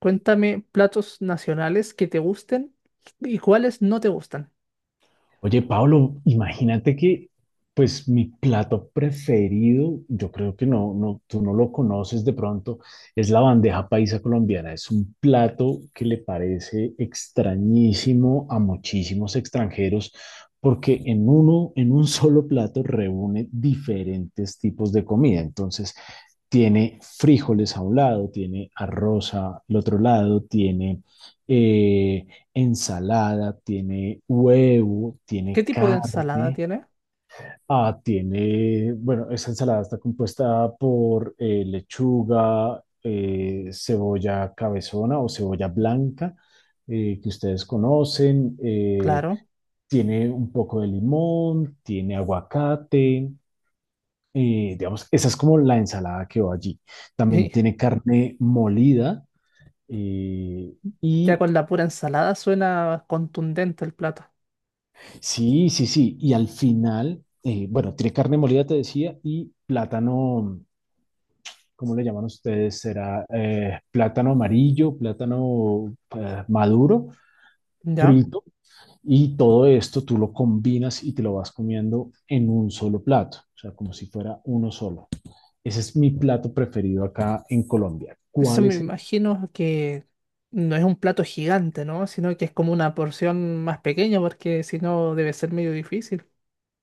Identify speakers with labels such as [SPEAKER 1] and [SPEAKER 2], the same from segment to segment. [SPEAKER 1] Cuéntame platos nacionales que te gusten y cuáles no te gustan.
[SPEAKER 2] Oye, Pablo, imagínate que, pues, mi plato preferido, yo creo que no, no, tú no lo conoces de pronto. Es la bandeja paisa colombiana. Es un plato que le parece extrañísimo a muchísimos extranjeros porque en un solo plato reúne diferentes tipos de comida. Entonces, tiene frijoles a un lado, tiene arroz al otro lado, tiene... eh, ensalada, tiene huevo,
[SPEAKER 1] ¿Qué
[SPEAKER 2] tiene
[SPEAKER 1] tipo de ensalada
[SPEAKER 2] carne.
[SPEAKER 1] tiene?
[SPEAKER 2] Ah, bueno, esa ensalada está compuesta por lechuga, cebolla cabezona o cebolla blanca, que ustedes conocen.
[SPEAKER 1] Claro,
[SPEAKER 2] Tiene un poco de limón, tiene aguacate. Digamos, esa es como la ensalada que va allí. También
[SPEAKER 1] y
[SPEAKER 2] tiene carne molida. eh,
[SPEAKER 1] ya
[SPEAKER 2] y
[SPEAKER 1] con la pura ensalada suena contundente el plato.
[SPEAKER 2] Sí, sí, sí. Y al final, bueno, tiene carne molida, te decía, y plátano. ¿Cómo le llaman ustedes? Será plátano amarillo, plátano, maduro,
[SPEAKER 1] ¿Ya?
[SPEAKER 2] frito. Y todo esto tú lo combinas y te lo vas comiendo en un solo plato, o sea, como si fuera uno solo. Ese es mi plato preferido acá en Colombia.
[SPEAKER 1] Eso
[SPEAKER 2] ¿Cuál
[SPEAKER 1] me
[SPEAKER 2] es
[SPEAKER 1] imagino que no es un plato gigante, ¿no? Sino que es como una porción más pequeña porque si no debe ser medio difícil,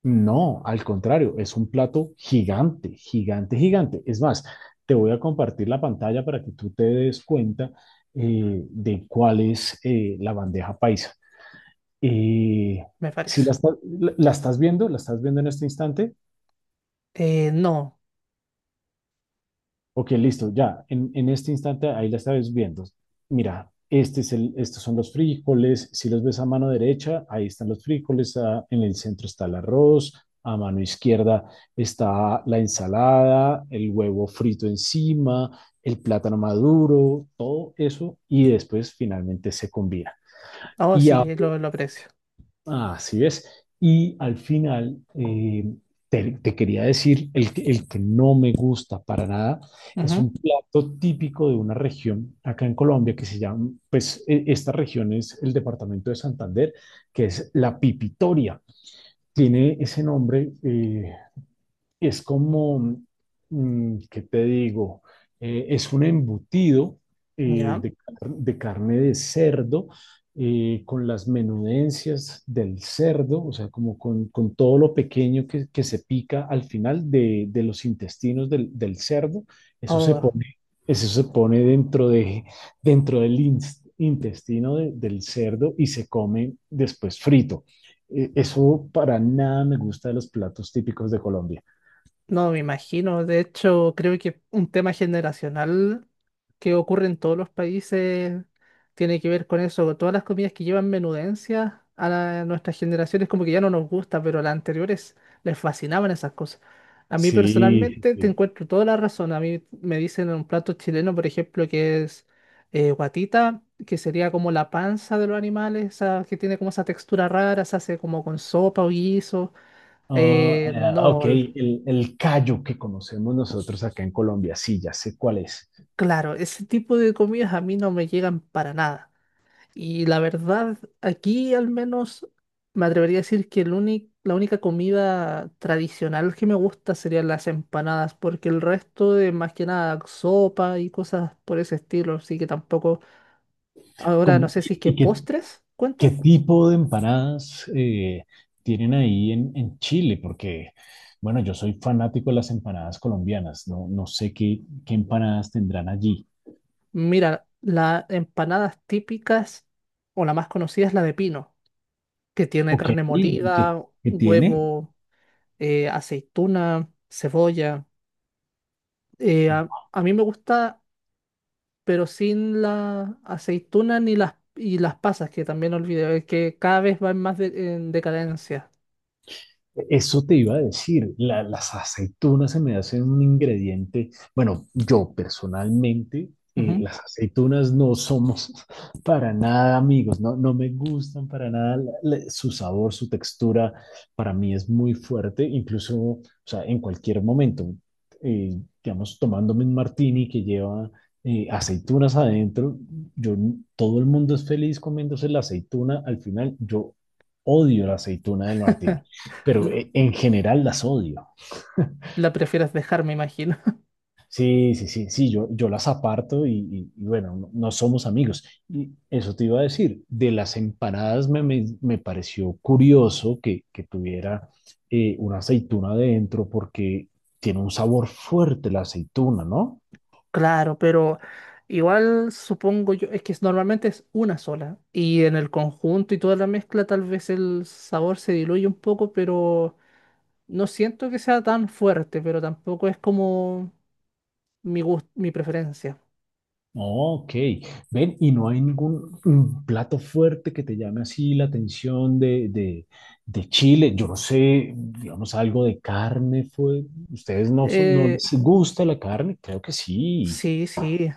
[SPEAKER 2] No, al contrario, es un plato gigante, gigante, gigante. Es más, te voy a compartir la pantalla para que tú te des cuenta de cuál es la bandeja paisa. Eh,
[SPEAKER 1] me
[SPEAKER 2] si la,
[SPEAKER 1] parece.
[SPEAKER 2] está- la la estás viendo, la estás viendo en este instante.
[SPEAKER 1] No.
[SPEAKER 2] Ok, listo, ya. En este instante ahí la estás viendo. Mira, estos son los frijoles. Si los ves a mano derecha, ahí están los frijoles. En el centro está el arroz. A mano izquierda está la ensalada, el huevo frito encima, el plátano maduro, todo eso. Y después finalmente se combina.
[SPEAKER 1] Oh,
[SPEAKER 2] Y mm. Ahora,
[SPEAKER 1] sí, lo aprecio.
[SPEAKER 2] ah, así es. Y al final, te quería decir, el que no me gusta para nada es
[SPEAKER 1] Ujú.
[SPEAKER 2] un plato típico de una región acá en Colombia que se llama, pues, esta región es el departamento de Santander, que es la pipitoria. Tiene ese nombre, es como, ¿qué te digo? Es un embutido,
[SPEAKER 1] ¿Ya?
[SPEAKER 2] de carne de cerdo con las menudencias del cerdo, o sea, como con todo lo pequeño que se pica al final de los intestinos del cerdo. Eso se
[SPEAKER 1] Oh,
[SPEAKER 2] pone, eso se pone dentro del intestino del cerdo y se come después frito. Eso para nada me gusta de los platos típicos de Colombia.
[SPEAKER 1] no, me imagino. De hecho, creo que un tema generacional que ocurre en todos los países tiene que ver con eso. Todas las comidas que llevan menudencia a la- nuestras generaciones como que ya no nos gusta, pero a las anteriores les fascinaban esas cosas. A mí
[SPEAKER 2] Sí, sí,
[SPEAKER 1] personalmente te
[SPEAKER 2] sí.
[SPEAKER 1] encuentro toda la razón. A mí me dicen un plato chileno, por ejemplo, que es guatita, que sería como la panza de los animales, esa que tiene como esa textura rara, se hace como con sopa o guiso.
[SPEAKER 2] Ah,
[SPEAKER 1] No,
[SPEAKER 2] ok, el callo que conocemos nosotros acá en Colombia, sí, ya sé cuál es.
[SPEAKER 1] claro, ese tipo de comidas a mí no me llegan para nada. Y la verdad, aquí al menos me atrevería a decir que el únic- la única comida tradicional que me gusta serían las empanadas, porque el resto de más que nada sopa y cosas por ese estilo, así que tampoco. Ahora no
[SPEAKER 2] ¿Cómo-
[SPEAKER 1] sé si es que
[SPEAKER 2] y, y qué,
[SPEAKER 1] postres
[SPEAKER 2] qué
[SPEAKER 1] cuentan.
[SPEAKER 2] tipo de empanadas tienen ahí en Chile? Porque, bueno, yo soy fanático de las empanadas colombianas, no sé qué empanadas tendrán allí.
[SPEAKER 1] Mira, las empanadas típicas o la más conocida es la de pino, que tiene
[SPEAKER 2] Ok,
[SPEAKER 1] carne
[SPEAKER 2] ¿y qué,
[SPEAKER 1] molida,
[SPEAKER 2] qué tiene?
[SPEAKER 1] huevo, aceituna, cebolla. A mí me gusta, pero sin la aceituna ni las, y las pasas, que también olvidé, que cada vez va en más de- en decadencia.
[SPEAKER 2] Eso te iba a decir, las aceitunas se me hacen un ingrediente, bueno, yo personalmente,
[SPEAKER 1] Ujú.
[SPEAKER 2] las aceitunas no somos para nada amigos, no me gustan para nada, su sabor, su textura, para mí es muy fuerte. Incluso, o sea, en cualquier momento, eh, digamos, tomándome un martini que lleva aceitunas adentro, yo, todo el mundo es feliz comiéndose la aceituna, al final yo odio la aceituna del martini, pero
[SPEAKER 1] L-
[SPEAKER 2] en general las odio.
[SPEAKER 1] la prefieres dejar, me imagino.
[SPEAKER 2] Sí, sí, sí, sí, yo las aparto y, y bueno, no, no somos amigos. Y eso te iba a decir, de las empanadas me pareció curioso que tuviera una aceituna adentro porque tiene un sabor fuerte la aceituna, ¿no?
[SPEAKER 1] Claro, pero igual supongo yo, es que es- normalmente es una sola y en el conjunto y toda la mezcla tal vez el sabor se diluye un poco, pero no siento que sea tan fuerte, pero tampoco es como mi gusto, mi preferencia.
[SPEAKER 2] Ok, ven, y no hay ningún plato fuerte que te llame así la atención de Chile. Yo no sé, digamos, algo de carne fue. ¿Ustedes no
[SPEAKER 1] Eh,
[SPEAKER 2] les gusta la carne? Creo que sí.
[SPEAKER 1] Sí, sí.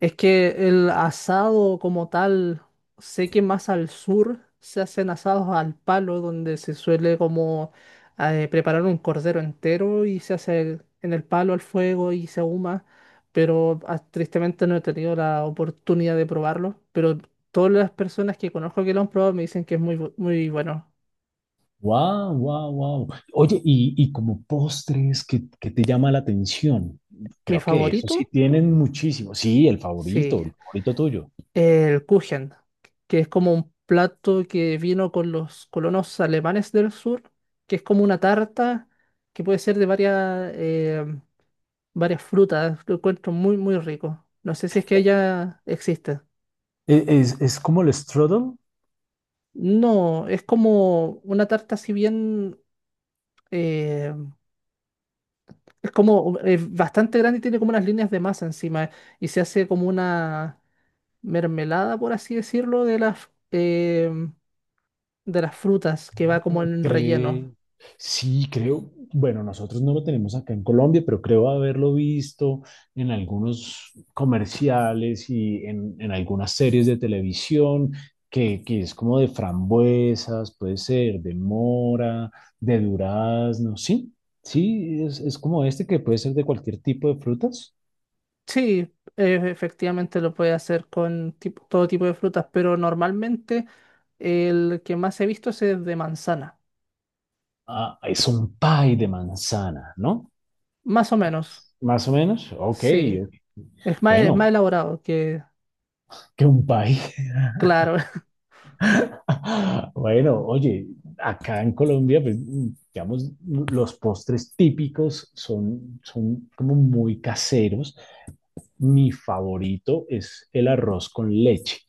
[SPEAKER 1] Es que el asado como tal, sé que más al sur se hacen asados al palo, donde se suele como preparar un cordero entero y se hace el- en el palo al fuego y se ahuma, pero tristemente no he tenido la oportunidad de probarlo, pero todas las personas que conozco que lo han probado me dicen que es muy, bu- muy bueno.
[SPEAKER 2] Wow, wow, wow. Oye, y como postres, ¿qué te llama la atención?
[SPEAKER 1] Mi
[SPEAKER 2] Creo que eso sí
[SPEAKER 1] favorito,
[SPEAKER 2] tienen muchísimo. Sí,
[SPEAKER 1] sí,
[SPEAKER 2] el favorito tuyo.
[SPEAKER 1] el Kuchen, que es como un plato que vino con los colonos alemanes del sur, que es como una tarta que puede ser de varias, varias frutas. Lo encuentro muy, muy rico. No sé si es que ella existe.
[SPEAKER 2] ¿Es como el strudel?
[SPEAKER 1] No, es como una tarta, si bien eh, es como bastante grande y tiene como unas líneas de masa encima y se hace como una mermelada, por así decirlo, de de las frutas que va como en relleno.
[SPEAKER 2] Cree, sí, creo, bueno, nosotros no lo tenemos acá en Colombia, pero creo haberlo visto en algunos comerciales y en algunas series de televisión, que es como de frambuesas, puede ser, de mora, de durazno. Sí, sí, es como este que puede ser de cualquier tipo de frutas.
[SPEAKER 1] Sí, efectivamente lo puede hacer con tipo- todo tipo de frutas, pero normalmente el que más he visto es el de manzana.
[SPEAKER 2] Ah, es un pie de manzana, ¿no?
[SPEAKER 1] Más o menos,
[SPEAKER 2] Más o menos, ok,
[SPEAKER 1] sí.
[SPEAKER 2] ok.
[SPEAKER 1] Es más
[SPEAKER 2] Bueno,
[SPEAKER 1] elaborado que,
[SPEAKER 2] que un pie.
[SPEAKER 1] claro.
[SPEAKER 2] Bueno, oye, acá en Colombia, pues, digamos, los postres típicos son como muy caseros. Mi favorito es el arroz con leche.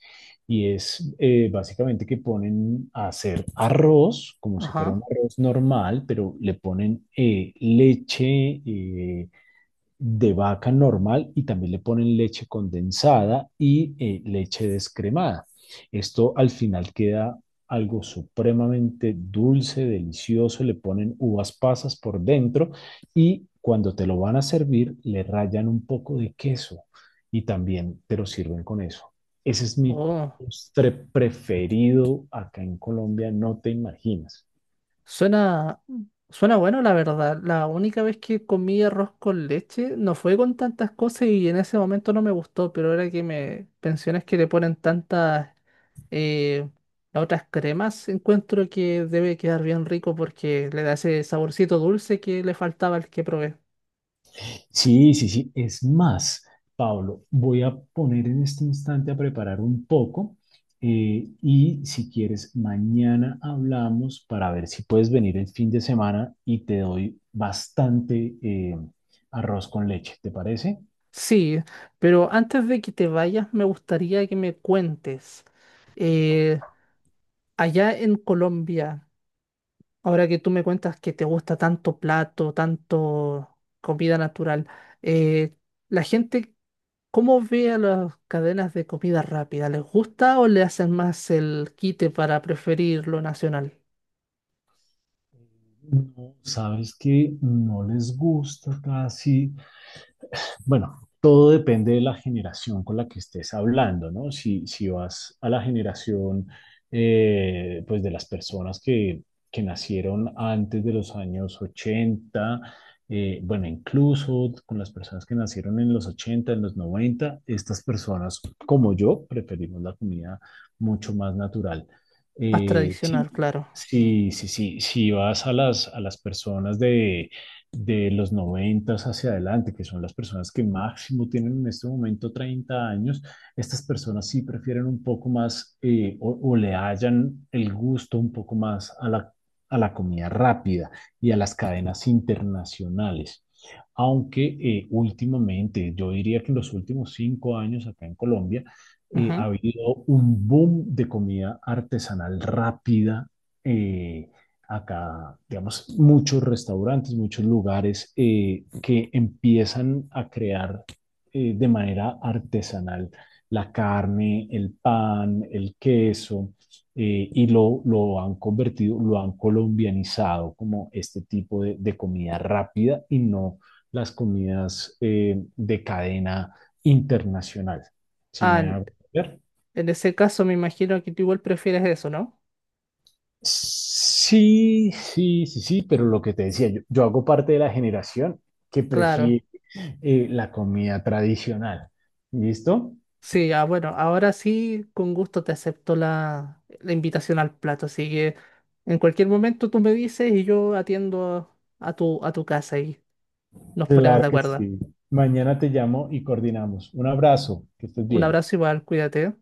[SPEAKER 2] Y es básicamente que ponen a hacer arroz, como si fuera un
[SPEAKER 1] Ajá.
[SPEAKER 2] arroz normal, pero le ponen leche, de vaca normal, y también le ponen leche condensada y leche descremada. Esto al final queda algo supremamente dulce, delicioso. Le ponen uvas pasas por dentro y cuando te lo van a servir le rayan un poco de queso y también te lo sirven con eso. Ese es mi
[SPEAKER 1] Oh,
[SPEAKER 2] postre preferido acá en Colombia, no te imaginas.
[SPEAKER 1] suena, suena bueno, la verdad. La única vez que comí arroz con leche no fue con tantas cosas y en ese momento no me gustó, pero ahora que me pensiones que le ponen tantas. Eh, las otras cremas encuentro que debe quedar bien rico porque le da ese saborcito dulce que le faltaba al que probé.
[SPEAKER 2] Sí, sí, sí. Es más, Pablo, voy a poner en este instante a preparar un poco, y si quieres, mañana hablamos para ver si puedes venir el fin de semana y te doy bastante arroz con leche, ¿te parece?
[SPEAKER 1] Sí, pero antes de que te vayas, me gustaría que me cuentes. eh, allá en Colombia, ahora que tú me cuentas que te gusta tanto plato, tanto comida natural, eh, la gente, ¿cómo ve a las cadenas de comida rápida? ¿Les gusta o le hacen más el quite para preferir lo nacional?
[SPEAKER 2] Sabes que no les gusta casi. Bueno, todo depende de la generación con la que estés hablando, ¿no? Si vas a la generación, pues, de las personas que nacieron antes de los años 80, bueno, incluso con las personas que nacieron en los 80, en los 90, estas personas, como yo, preferimos la comida mucho más natural.
[SPEAKER 1] Más
[SPEAKER 2] Sí,
[SPEAKER 1] tradicional, claro.
[SPEAKER 2] sí, sí, sí, si vas a las, personas de los 90s hacia adelante, que son las personas que máximo tienen en este momento 30 años, estas personas sí prefieren un poco más, o, le hallan el gusto un poco más a la comida rápida y a las cadenas internacionales. Aunque últimamente, yo diría que en los últimos 5 años acá en Colombia ha
[SPEAKER 1] Ujú.
[SPEAKER 2] habido un boom de comida artesanal rápida eh, acá. Digamos, muchos restaurantes, muchos lugares que empiezan a crear de manera artesanal la carne, el pan, el queso, y lo han convertido, lo han colombianizado como este tipo de comida rápida y no las comidas de cadena internacional. Si
[SPEAKER 1] Ah,
[SPEAKER 2] me hago ver.
[SPEAKER 1] en ese caso me imagino que tú igual prefieres eso, ¿no?
[SPEAKER 2] Sí, sí, sí, sí, pero lo que te decía, yo hago parte de la generación que
[SPEAKER 1] Claro.
[SPEAKER 2] prefiere la comida tradicional. ¿Listo?
[SPEAKER 1] Sí, ah, bueno, ahora sí, con gusto te acepto la invitación al plato, así que en cualquier momento tú me dices y yo atiendo a a tu casa y nos ponemos
[SPEAKER 2] Claro
[SPEAKER 1] de
[SPEAKER 2] que
[SPEAKER 1] acuerdo.
[SPEAKER 2] sí. Mañana te llamo y coordinamos. Un abrazo, que estés
[SPEAKER 1] Un
[SPEAKER 2] bien.
[SPEAKER 1] abrazo igual, cuídate.